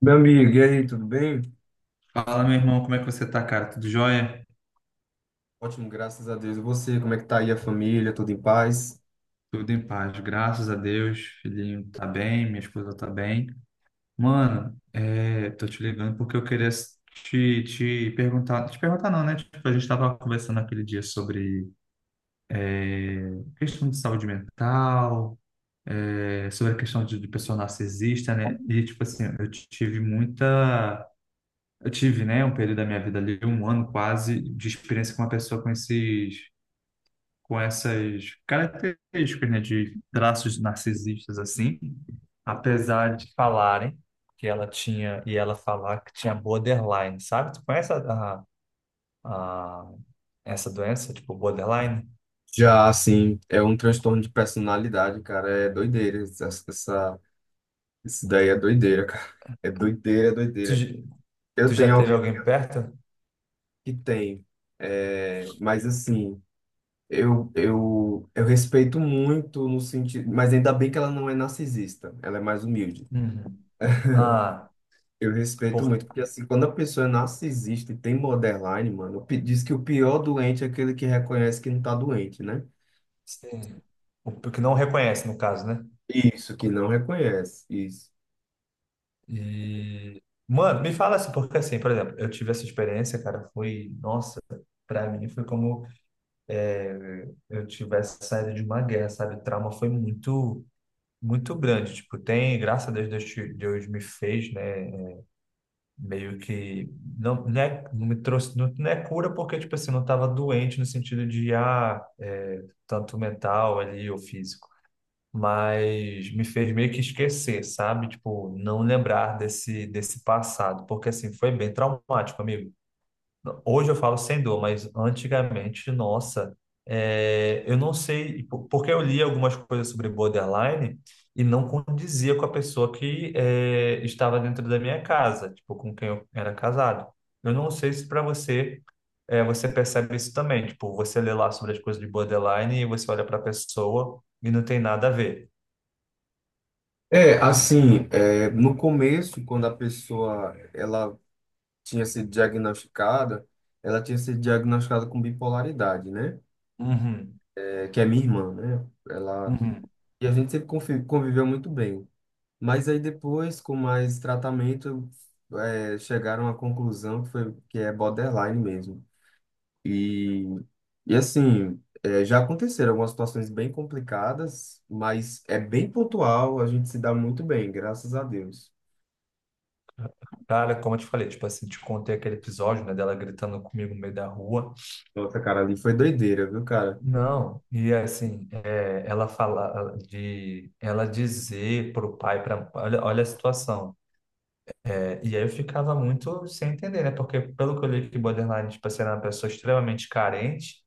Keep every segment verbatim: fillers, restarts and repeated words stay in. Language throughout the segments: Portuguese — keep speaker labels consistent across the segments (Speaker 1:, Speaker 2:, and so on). Speaker 1: Meu amigo, e aí, tudo bem?
Speaker 2: Fala, meu irmão, como é que você tá, cara? Tudo jóia?
Speaker 1: Ótimo, graças a Deus. E você, como é que tá aí a família? Tudo em paz?
Speaker 2: Tudo em paz, graças a Deus. Filhinho tá bem, minha esposa tá bem. Mano, é, tô te ligando porque eu queria te, te perguntar, te perguntar não, né? Tipo, a gente tava conversando aquele dia sobre é, questão de saúde mental, é, sobre a questão de, de pessoa narcisista, né? E, tipo assim, eu tive muita... Eu tive, né, um período da minha vida ali, um ano quase, de experiência com uma pessoa com esses... com essas características, né, de traços narcisistas assim, apesar de falarem que ela tinha e ela falar que tinha borderline, sabe? Tu conhece a, a- a- essa doença, tipo borderline?
Speaker 1: Já, assim, é um transtorno de personalidade, cara. É doideira. Essa, essa- isso daí é doideira, cara. É doideira, é
Speaker 2: Tu,
Speaker 1: doideira.
Speaker 2: j-
Speaker 1: Eu
Speaker 2: Tu já
Speaker 1: tenho
Speaker 2: teve
Speaker 1: alguém
Speaker 2: alguém perto?
Speaker 1: que tem, é, mas assim, eu, eu, eu respeito muito no sentido. Mas ainda bem que ela não é narcisista, ela é mais humilde.
Speaker 2: Uhum. Ah,
Speaker 1: Eu respeito muito,
Speaker 2: por
Speaker 1: porque assim, quando a pessoa é narcisista e tem borderline, mano, pi- diz que o pior doente é aquele que reconhece que não tá doente, né?
Speaker 2: sim. O que não reconhece no caso, né?
Speaker 1: Isso, que não reconhece, isso.
Speaker 2: E mano, me fala assim, porque assim, por exemplo, eu tive essa experiência, cara, foi, nossa, pra mim foi como é, eu tivesse saído de uma guerra, sabe? O trauma foi muito, muito grande. Tipo, tem, graças a Deus, Deus, te- Deus me fez, né? Meio que não, não, é- não me trouxe, não, não é cura porque, tipo assim, eu não estava doente no sentido de, ah, é, tanto mental ali ou físico. Mas me fez meio que esquecer, sabe? Tipo, não lembrar desse, desse passado, porque assim, foi bem traumático, amigo. Hoje eu falo sem dor, mas antigamente, nossa, é, eu não sei, po- porque eu li algumas coisas sobre borderline e não condizia com a pessoa que é, estava dentro da minha casa, tipo, com quem eu era casado. Eu não sei se para você, é, você percebe isso também, tipo, você lê lá sobre as coisas de borderline e você olha para a pessoa e não tem nada a ver.
Speaker 1: É, assim, é, no começo, quando a pessoa, ela tinha sido diagnosticada, ela tinha sido diagnosticada com bipolaridade, né?
Speaker 2: Uhum,
Speaker 1: É, que é minha irmã, né? Ela,
Speaker 2: uhum.
Speaker 1: e a gente sempre confi- conviveu muito bem. Mas aí depois, com mais tratamento, é, chegaram à conclusão que foi, que é borderline mesmo. E, e assim, é, já aconteceram algumas situações bem complicadas, mas é bem pontual, a gente se dá muito bem, graças a Deus.
Speaker 2: Cara, como eu te falei, tipo assim, te contei aquele episódio, né, dela gritando comigo no meio da rua.
Speaker 1: Nossa, cara, ali foi doideira, viu, cara?
Speaker 2: Não, e assim, é, ela fala de ela dizer pro pai, pra, olha, olha a situação. É, e aí eu ficava muito sem entender, né? Porque pelo que eu li que borderline, tipo assim, era uma pessoa extremamente carente,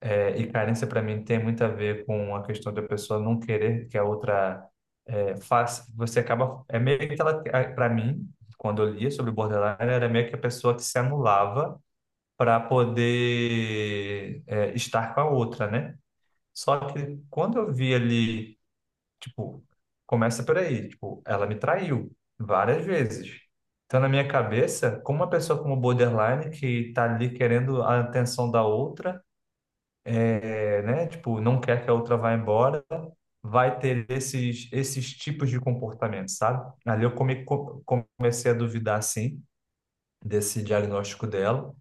Speaker 2: é, e carência para mim tem muito a ver com a questão da pessoa não querer que a outra é, faça, você acaba, é meio que ela, para mim, quando eu lia sobre borderline, era meio que a pessoa que se anulava para poder é, estar com a outra, né? Só que quando eu vi ali, tipo, começa por aí, tipo, ela me traiu várias vezes. Então, na minha cabeça, como uma pessoa como borderline, que tá ali querendo a atenção da outra, é, né? Tipo, não quer que a outra vá embora, vai ter esses, esses tipos de comportamento, sabe? Ali eu come- co- comecei a duvidar, sim, desse diagnóstico dela.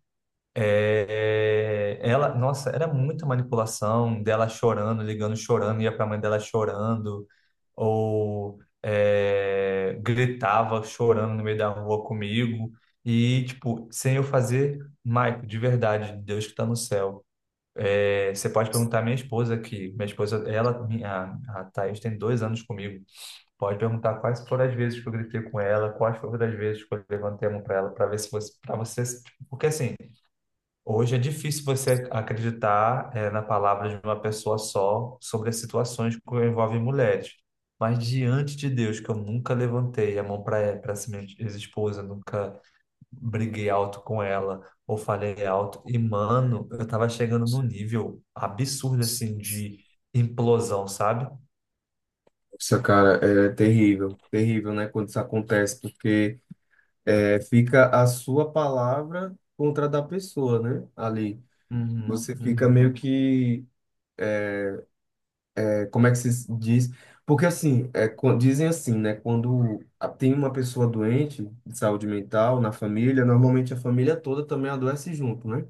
Speaker 2: É, é, ela, nossa, era muita manipulação dela chorando, ligando, chorando, ia pra mãe dela chorando, ou é, gritava chorando no meio da rua comigo, e tipo, sem eu fazer, Maico, de verdade, Deus que tá no céu. É, você pode perguntar à minha esposa aqui, minha esposa, ela, minha, a Thaís tem dois anos comigo, pode perguntar quais foram as vezes que eu gritei com ela, quais foram as vezes que eu levantei a mão pra ela, pra ver se você, pra você, tipo, porque assim. Hoje é difícil você acreditar, eh, na palavra de uma pessoa só sobre as situações que envolvem mulheres. Mas diante de Deus, que eu nunca levantei a mão para para essa minha ex-esposa, nunca briguei alto com ela ou falei alto. E, mano, eu tava chegando num nível absurdo, assim, de implosão, sabe?
Speaker 1: Nossa, cara, é terrível, terrível, né, quando isso acontece, porque é, fica a sua palavra contra a da pessoa, né, ali.
Speaker 2: Uhum,
Speaker 1: Você fica
Speaker 2: uhum.
Speaker 1: meio que, como é que se diz? Porque assim, é, quan- dizem assim, né? Quando a- tem uma pessoa doente de saúde mental na família, normalmente a família toda também adoece junto, né?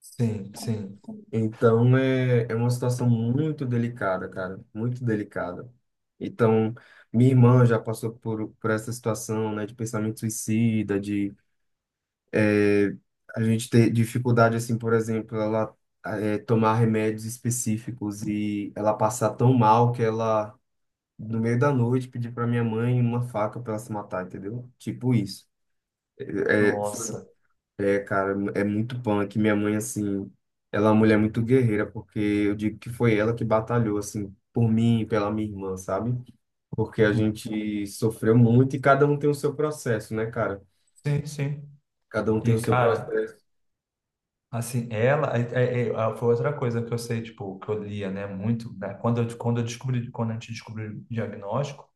Speaker 2: Sim, sim.
Speaker 1: Então é, é uma situação muito delicada, cara, muito delicada. Então, minha irmã já passou por, por essa situação, né, de pensamento suicida, de é, a gente ter dificuldade, assim, por exemplo, ela eh, tomar remédios específicos e ela passar tão mal que ela, no meio da noite, pedir pra minha mãe uma faca pra ela se matar, entendeu? Tipo isso. É, é, foi-
Speaker 2: Nossa.
Speaker 1: é, cara, é muito punk. Minha mãe, assim, ela é uma mulher muito guerreira, porque eu digo que foi ela que batalhou, assim, por mim e pela minha irmã, sabe? Porque a gente sofreu muito e cada um tem o seu processo, né, cara?
Speaker 2: Sim, sim.
Speaker 1: Cada um tem
Speaker 2: E,
Speaker 1: o seu
Speaker 2: cara,
Speaker 1: processo.
Speaker 2: assim, ela é, é- é- foi outra coisa que eu sei, tipo, que eu lia, né, muito, né? Quando eu, quando eu descobri, quando a gente descobriu o diagnóstico,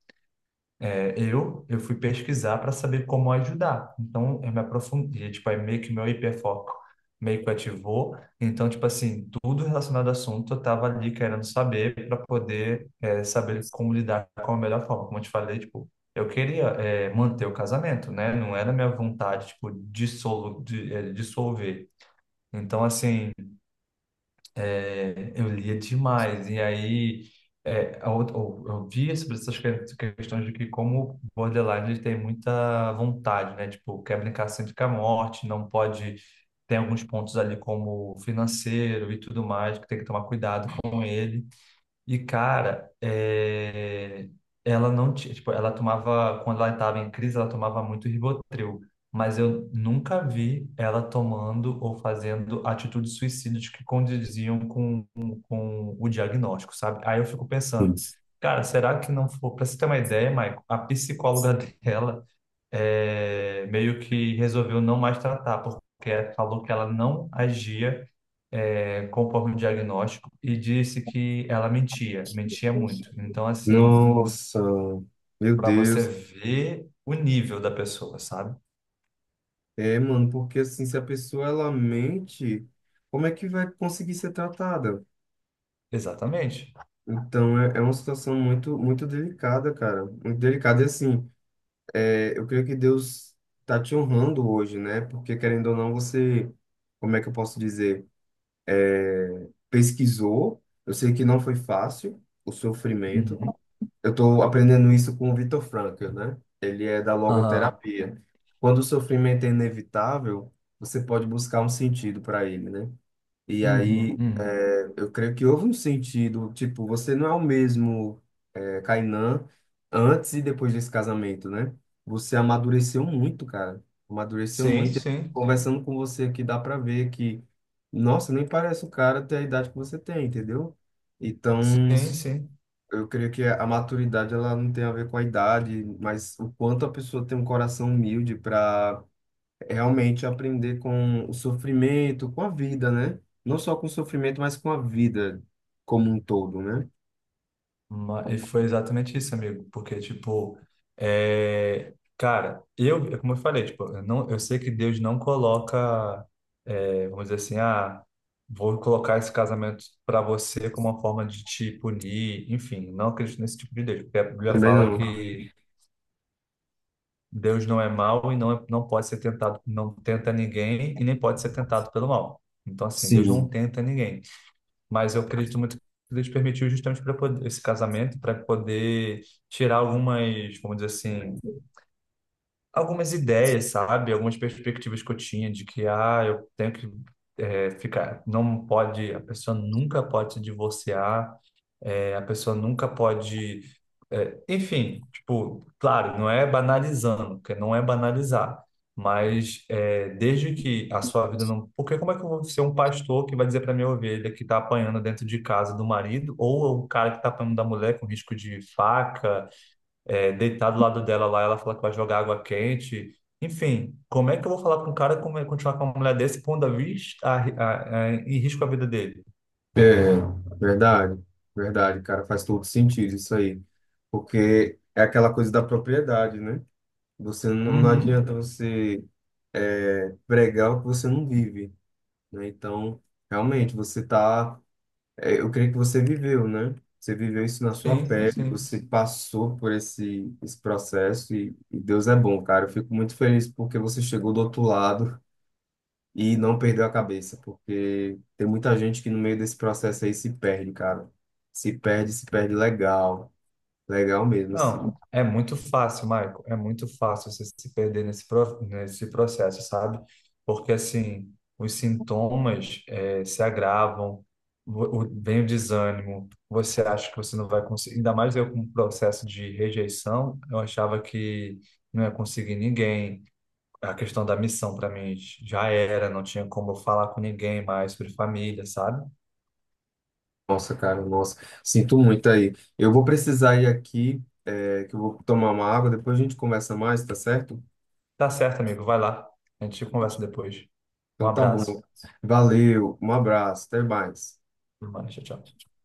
Speaker 2: é, eu eu fui pesquisar para saber como ajudar. Então, eu me aprofundei, tipo, aí meio que meu hiperfoco meio que ativou. Então, tipo assim, tudo relacionado ao assunto, eu tava ali querendo saber para poder é, saber como lidar com a melhor forma. Como eu te falei, tipo, eu queria é, manter o casamento, né? Não era minha vontade, tipo, dissolu, de, é, dissolver. Então, assim, é, eu lia demais. E aí, é, a outra- eu, eu via sobre essas que- questões de que como o borderline ele tem muita vontade, né? Tipo, quer brincar sempre com a morte, não pode... Tem alguns pontos ali como financeiro e tudo mais, que tem que tomar cuidado com ele. E, cara, é, ela não tinha, tipo, ela tomava, quando ela estava em crise, ela tomava muito Rivotril, mas eu nunca vi ela tomando ou fazendo atitudes suicidas que condiziam com, com o diagnóstico, sabe? Aí eu fico pensando,
Speaker 1: Isso.
Speaker 2: cara, será que não foi, pra você ter uma ideia, Maicon, a psicóloga dela é, meio que resolveu não mais tratar, porque falou que ela não agia, é, conforme o diagnóstico e disse que ela mentia, mentia muito. Então, assim,
Speaker 1: Nossa, meu
Speaker 2: para você
Speaker 1: Deus.
Speaker 2: ver o nível da pessoa, sabe?
Speaker 1: É, mano, porque assim, se a pessoa ela mente, como é que vai conseguir ser tratada?
Speaker 2: Exatamente.
Speaker 1: Então é, é uma situação muito muito delicada, cara, muito delicada. E assim, é, eu creio que Deus tá te honrando hoje, né? Porque querendo ou não, você, como é que eu posso dizer, pesquisou. Eu sei que não foi fácil o sofrimento.
Speaker 2: Uhum.
Speaker 1: Eu tô aprendendo isso com o Vitor Frankl, né? Ele é da
Speaker 2: Aham.
Speaker 1: logoterapia. Quando o sofrimento é inevitável, você pode buscar um sentido para ele, né? E
Speaker 2: Uhum,
Speaker 1: aí,
Speaker 2: uhum.
Speaker 1: é, eu creio que houve um sentido, tipo, você não é o mesmo é, Kainan, antes e depois desse casamento, né? Você amadureceu muito, cara. Amadureceu
Speaker 2: Sim,
Speaker 1: muito.
Speaker 2: sim.
Speaker 1: Conversando com você aqui, dá pra ver que, nossa, nem parece o cara ter a idade que você tem, entendeu? Então,
Speaker 2: Sim, sim.
Speaker 1: eu creio que a maturidade, ela não tem a ver com a idade, mas o quanto a pessoa tem um coração humilde para realmente aprender com o sofrimento, com a vida, né? Não só com o sofrimento, mas com a vida como um todo, né?
Speaker 2: Ma- E foi exatamente isso, amigo, porque, tipo, é, cara, eu, é como eu falei, tipo, eu, não, eu sei que Deus não coloca, é, vamos dizer assim, ah, vou colocar esse casamento para você como uma forma de te punir, enfim, não acredito nesse tipo de Deus, porque a Bíblia
Speaker 1: Também
Speaker 2: fala
Speaker 1: não.
Speaker 2: que Deus não é mau e não, é- não pode ser tentado, não tenta ninguém e nem pode ser tentado pelo mal. Então, assim, Deus não
Speaker 1: Sim,
Speaker 2: tenta ninguém, mas eu acredito muito que Deus permitiu justamente para poder esse casamento, para poder tirar algumas, vamos dizer assim, algumas ideias, sabe? Algumas perspectivas que eu tinha de que, ah, eu tenho que eh, ficar, não pode, a pessoa nunca pode se divorciar é, a pessoa nunca pode. é, enfim, tipo, claro, não é banalizando, porque não é banalizar, mas é, desde que a sua vida não. Porque como é que eu vou ser um pastor que vai dizer para minha ovelha que está apanhando dentro de casa do marido, ou o cara que está apanhando da mulher com risco de faca, é, deitar do lado dela lá, ela fala que vai jogar água quente. Enfim, como é que eu vou falar com um cara como é continuar com uma mulher desse pondo a, vis- a, a, a, em risco a vida dele?
Speaker 1: verdade, verdade, cara, faz todo sentido isso aí, porque é aquela coisa da propriedade, né? Você não, não
Speaker 2: Uhum,
Speaker 1: adianta você é, pregar o que você não vive, né? Então, realmente, você tá, é, eu creio que você viveu, né? Você viveu isso na sua, sim,
Speaker 2: sim,
Speaker 1: pele,
Speaker 2: sim.
Speaker 1: você passou por esse, esse processo e, e Deus é bom, cara. Eu fico muito feliz porque você chegou do outro lado e não perdeu a cabeça, porque tem muita gente que no meio desse processo aí se perde, cara. Se perde, se perde legal. Legal mesmo, assim.
Speaker 2: Não, é muito fácil, Michael. É muito fácil você se perder nesse, pro- nesse processo, sabe? Porque, assim, os sintomas eh, se agravam, o- o- vem o desânimo, você acha que você não vai conseguir. Ainda mais eu com o processo de rejeição, eu achava que não ia conseguir ninguém. A questão da missão, para mim, já era, não tinha como eu falar com ninguém mais sobre família, sabe?
Speaker 1: Nossa, cara, nossa. Sinto muito aí. Eu vou precisar ir aqui, é, que eu vou tomar uma água, depois a gente conversa mais, tá certo?
Speaker 2: Tá certo, amigo, vai lá. A gente conversa depois. Um
Speaker 1: Então tá bom.
Speaker 2: abraço.
Speaker 1: Valeu, um abraço, até mais.
Speaker 2: Tudo mais, tchau, tchau.